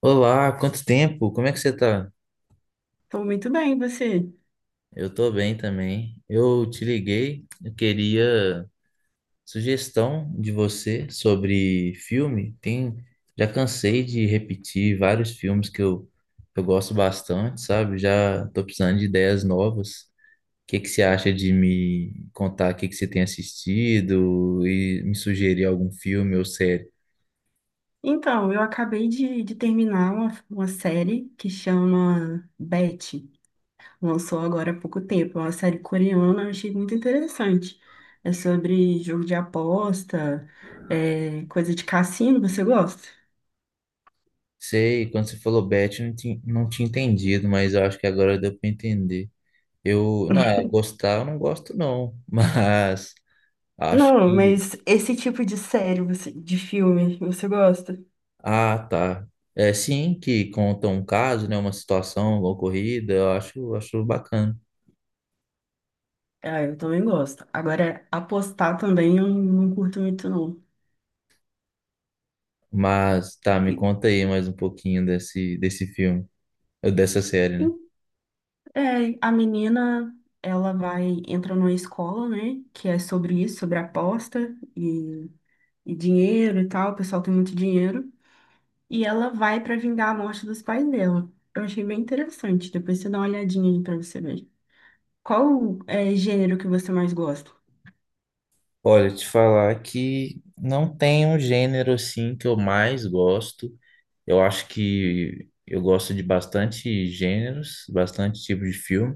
Olá, quanto tempo? Como é que você tá? Tô muito bem, e você? Eu tô bem também. Eu te liguei, eu queria sugestão de você sobre filme. Tem, já cansei de repetir vários filmes que eu gosto bastante, sabe? Já tô precisando de ideias novas. O que que você acha de me contar o que que você tem assistido e me sugerir algum filme ou série? Então, eu acabei de terminar uma série que chama Betty. Lançou agora há pouco tempo. É uma série coreana, eu achei muito interessante. É sobre jogo de aposta, coisa de cassino, você gosta? Sei, quando você falou Beth, eu não tinha entendido, mas eu acho que agora deu pra entender. Eu, não, é, gostar eu não gosto não, mas acho Não, que, mas esse tipo de série, de filme, você gosta? ah, tá. É sim que conta um caso, né, uma situação ocorrida, acho bacana. Ah, eu também gosto. Agora, apostar também eu não curto muito, não. Mas tá, me conta aí mais um pouquinho desse filme, ou dessa série, né? E- É, a menina, ela vai, entra numa escola, né, que é sobre isso, sobre aposta e dinheiro e tal, o pessoal tem muito dinheiro, e ela vai pra vingar a morte dos pais dela. Eu achei bem interessante, depois você dá uma olhadinha aí pra você ver. Qual é gênero que você mais gosta? Olha, te falar que não tem um gênero assim que eu mais gosto. Eu acho que eu gosto de bastante gêneros, bastante tipo de filme.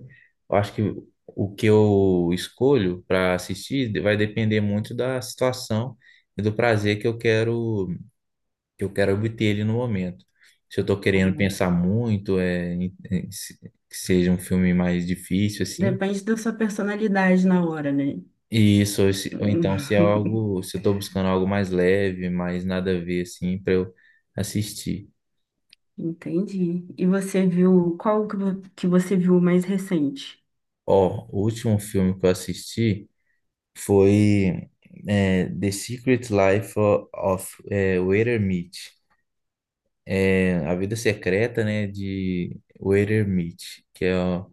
Eu acho que o que eu escolho para assistir vai depender muito da situação e do prazer que eu quero obter ali no momento. Se eu estou querendo Hum. pensar muito, é, que seja um filme mais difícil assim. Depende da sua personalidade na hora, né? E isso, ou ou então se é algo, se eu estou buscando algo mais leve, mais nada a ver assim para eu assistir. Entendi. E você viu, que você viu mais recente? Ó, o último filme que eu assisti foi The Secret Life of Walter Mitty. É, A Vida Secreta, né, de Walter Mitty, que é, ó,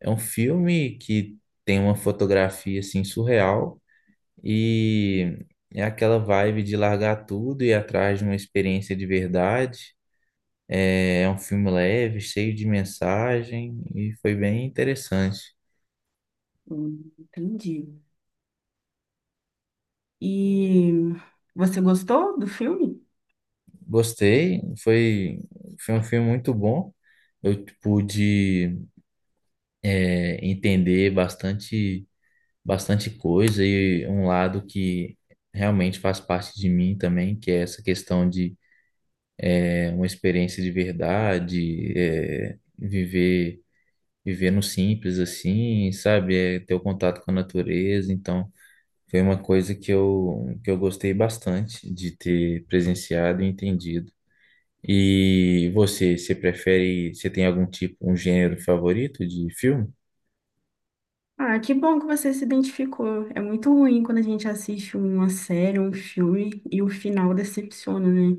é um filme que tem uma fotografia, assim, surreal e é aquela vibe de largar tudo e ir atrás de uma experiência de verdade. É, é um filme leve, cheio de mensagem e foi bem interessante. Entendi. E você gostou do filme? Gostei, foi, foi um filme muito bom. Eu pude entender bastante coisa e um lado que realmente faz parte de mim também, que é essa questão de uma experiência de verdade, é, viver no simples assim, sabe? É, ter o contato com a natureza, então foi uma coisa que que eu gostei bastante de ter presenciado e entendido. E você prefere, você tem algum tipo, um gênero favorito de filme? Ah, que bom que você se identificou. É muito ruim quando a gente assiste uma série, um filme e o final decepciona, né?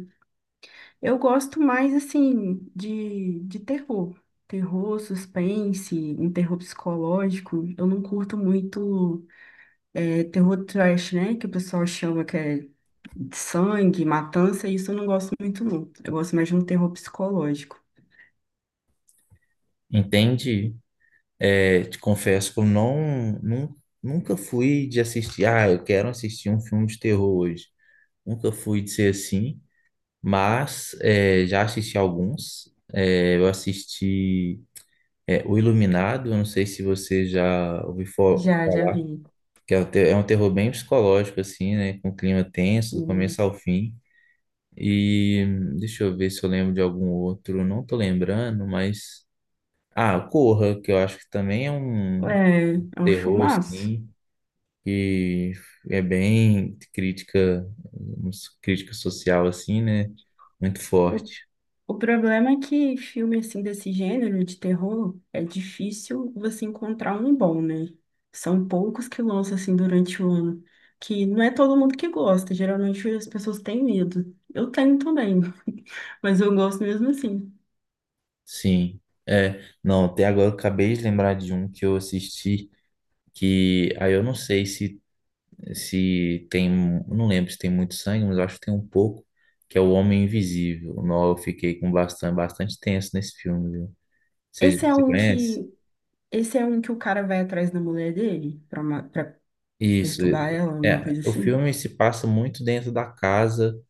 Eu gosto mais, assim, de terror. Terror, suspense, um terror psicológico. Eu não curto muito terror trash, né? Que o pessoal chama que é de sangue, matança. Isso eu não gosto muito, não. Eu gosto mais de um terror psicológico. Entende? É, te confesso que eu nunca fui de assistir, ah, eu quero assistir um filme de terror hoje. Nunca fui de ser assim, mas é, já assisti alguns. É, eu assisti O Iluminado, eu não sei se você já ouviu Já, já falar, vi. que é um é um terror bem psicológico, assim, né? Com clima tenso, do começo Sim. ao fim. E deixa eu ver se eu lembro de algum outro, não tô lembrando, mas. Ah, Corra, que eu acho que também é um É, é um terror, filmaço. assim, que é bem crítica, um, crítica social, assim, né? Muito O, forte. o problema é que filme assim desse gênero de terror é difícil você encontrar um bom, né? São poucos que lançam assim durante o ano, que não é todo mundo que gosta. Geralmente as pessoas têm medo. Eu tenho também, mas eu gosto mesmo assim. Sim. É, não, até agora eu acabei de lembrar de um que eu assisti, que aí eu não sei se, se tem, eu não lembro se tem muito sangue, mas eu acho que tem um pouco, que é O Homem Invisível. Não, eu fiquei com bastante tenso nesse filme, viu? Esse é Você um conhece? que, esse é um que o cara vai atrás da mulher dele pra, pra Isso. perturbar ela, alguma É, coisa o assim. filme se passa muito dentro da casa,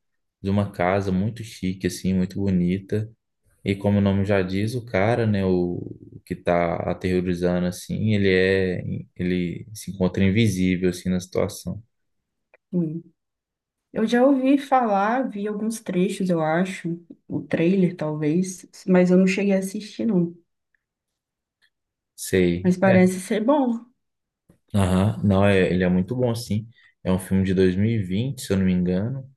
de uma casa muito chique, assim, muito bonita. E como o nome já diz, o cara, né, o que tá aterrorizando, assim, ele se encontra invisível, assim, na situação. Sim. Eu já ouvi falar, vi alguns trechos, eu acho, o trailer talvez, mas eu não cheguei a assistir, não. Sei. Mas É. parece ser bom. Aham. Não, é, ele é muito bom, sim. É um filme de 2020 se eu não me engano.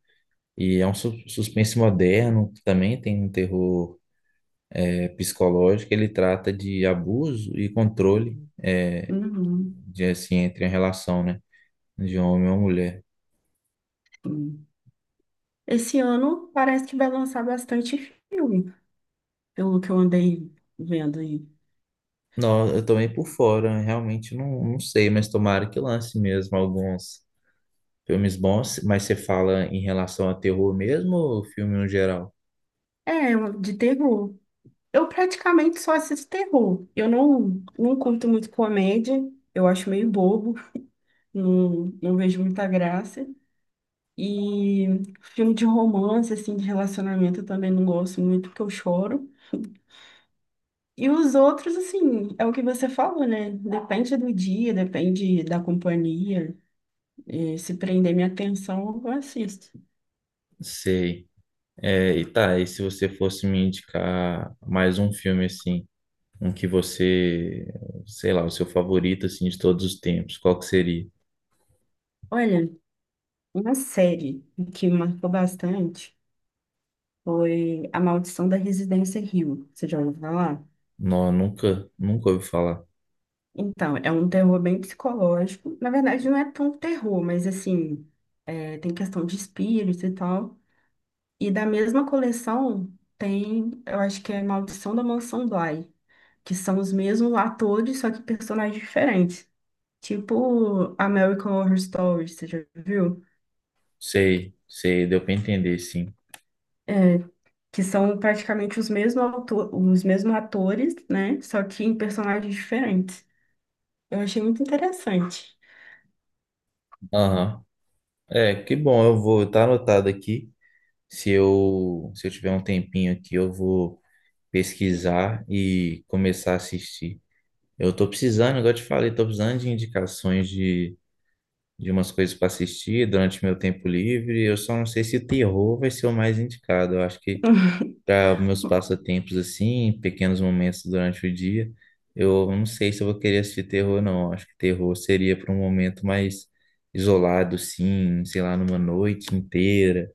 E é um suspense moderno, que também tem um terror, é, psicológico. Ele trata de abuso e controle. É, Uhum, de assim, entre a relação, né? De um homem ou mulher. sim. Esse ano parece que vai lançar bastante filme, pelo que eu andei vendo aí. Não, eu tô meio por fora, realmente não sei, mas tomara que lance mesmo alguns filmes bons. Mas você fala em relação a terror mesmo ou filme no geral? É, de terror. Eu praticamente só assisto terror. Eu não, não curto muito comédia, eu acho meio bobo, não vejo muita graça. E filme de romance, assim, de relacionamento, eu também não gosto muito, porque eu choro. E os outros, assim, é o que você falou, né? Depende do dia, depende da companhia. E se prender minha atenção, eu assisto. Sei. É, e tá, e se você fosse me indicar mais um filme assim, um que você, sei lá, o seu favorito assim de todos os tempos, qual que seria? Olha, uma série que me marcou bastante foi A Maldição da Residência Hill. Você já ouviu falar? Não, nunca ouvi falar. Então, é um terror bem psicológico. Na verdade, não é tão terror, mas assim, é, tem questão de espírito e tal. E da mesma coleção tem, eu acho que é Maldição da Mansão Bly, que são os mesmos atores, só que personagens diferentes. Tipo American Horror Story, você já viu? Sei, sei, deu pra entender, sim. É, que são praticamente os mesmos atores, né? Só que em personagens diferentes. Eu achei muito interessante. Aham. É, que bom, eu vou estar anotado aqui. Se se eu tiver um tempinho aqui, eu vou pesquisar e começar a assistir. Eu tô precisando, igual eu te falei, tô precisando de indicações de umas coisas para assistir durante meu tempo livre. Eu só não sei se terror vai ser o mais indicado. Eu acho que para meus passatempos assim, pequenos momentos durante o dia, eu não sei se eu vou querer assistir terror, não. Eu acho que terror seria para um momento mais isolado, sim, sei lá, numa noite inteira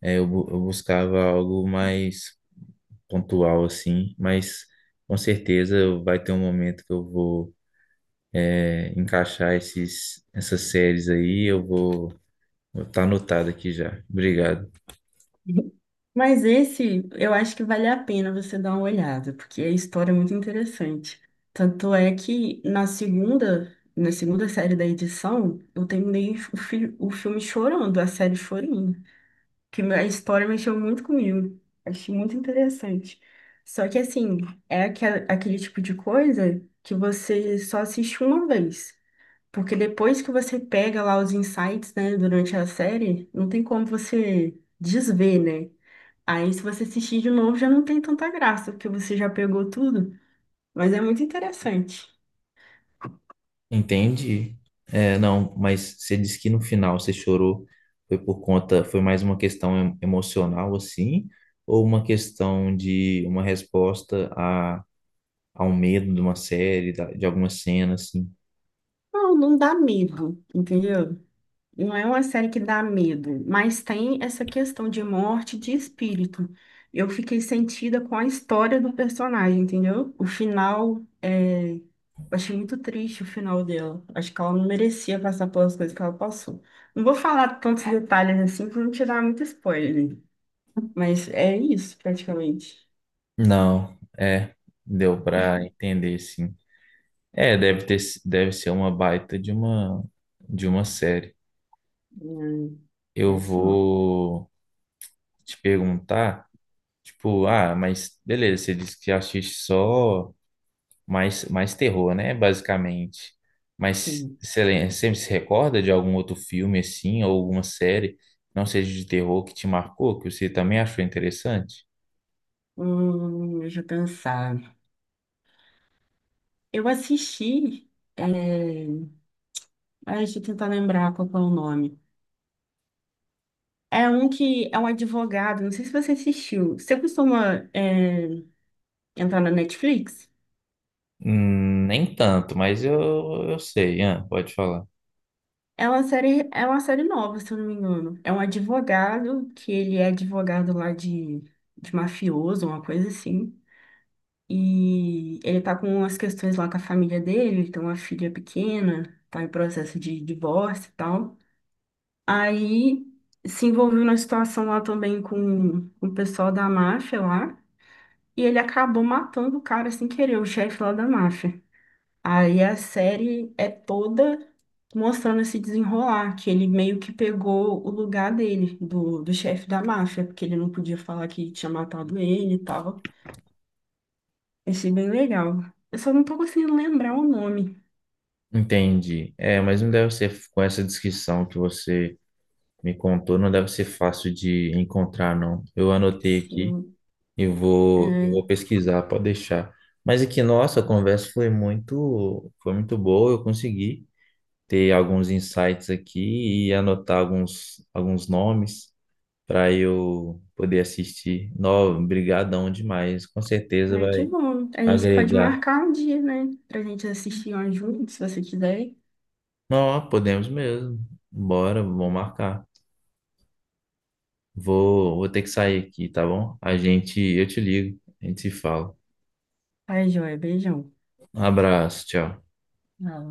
é, eu buscava algo mais pontual, assim, mas com certeza vai ter um momento que eu vou é, encaixar essas séries aí, eu vou estar anotado aqui já. Obrigado. Mas esse, eu acho que vale a pena você dar uma olhada, porque a história é muito interessante. Tanto é que na segunda série da edição, eu terminei o filme chorando, a série chorando, que a história mexeu muito comigo. Achei muito interessante. Só que assim, é aquele tipo de coisa que você só assiste uma vez. Porque depois que você pega lá os insights, né, durante a série, não tem como você desver, né? Aí, se você assistir de novo, já não tem tanta graça, porque você já pegou tudo. Mas é muito interessante. Entendi. É, não, mas você disse que no final você chorou, foi por conta, foi mais uma questão emocional, assim, ou uma questão de uma resposta a um medo de uma série, de alguma cena, assim? Não, não dá medo, entendeu? Não é uma série que dá medo, mas tem essa questão de morte de espírito. Eu fiquei sentida com a história do personagem, entendeu? O final, é... eu achei muito triste o final dela. Acho que ela não merecia passar pelas coisas que ela passou. Não vou falar tantos detalhes assim, para não te dar muito spoiler, né? Mas é isso, praticamente. Não, é, deu pra entender sim. É, deve ter, si, deve ser uma baita de uma série. Hum, Eu é sim. vou te perguntar, tipo, ah, mas beleza, você disse que assiste só mais terror, né, basicamente. Mas Sim. você, você se recorda de algum outro filme assim ou alguma série, que não seja de terror que te marcou, que você também achou interessante? Deixa eu pensar. Eu assisti. É... ai, deixa eu tentar lembrar qual que é o nome. É um que é um advogado, não sei se você assistiu. Você costuma entrar na Netflix? Nem tanto, mas eu sei, Ian, pode falar. É uma série nova, se eu não me engano. É um advogado, que ele é advogado lá de mafioso, uma coisa assim. E ele tá com umas questões lá com a família dele, ele tem uma filha pequena, tá em processo de divórcio e tal. Aí se envolveu na situação lá também com o pessoal da máfia lá, e ele acabou matando o cara sem querer, o chefe lá da máfia. Aí a série é toda mostrando esse desenrolar, que ele meio que pegou o lugar dele, do chefe da máfia, porque ele não podia falar que tinha matado ele e tal. Achei bem legal. Eu só não tô conseguindo lembrar o nome. Entendi. É, mas não deve ser, com essa descrição que você me contou, não deve ser fácil de encontrar, não. Eu anotei aqui Sim. e eu É. vou pesquisar, pode deixar. Mas aqui, nossa, a conversa foi foi muito boa, eu consegui ter alguns insights aqui e anotar alguns nomes para eu poder assistir. Não, brigadão demais, com certeza Ai, que vai bom. A gente pode agregar. marcar um dia, né? Pra gente assistir um junto, se você quiser. Não, podemos mesmo. Bora, vamos marcar. Vou ter que sair aqui, tá bom? A gente, eu te ligo, a gente se fala. Ai, joia. Beijão. Um abraço, tchau. Não,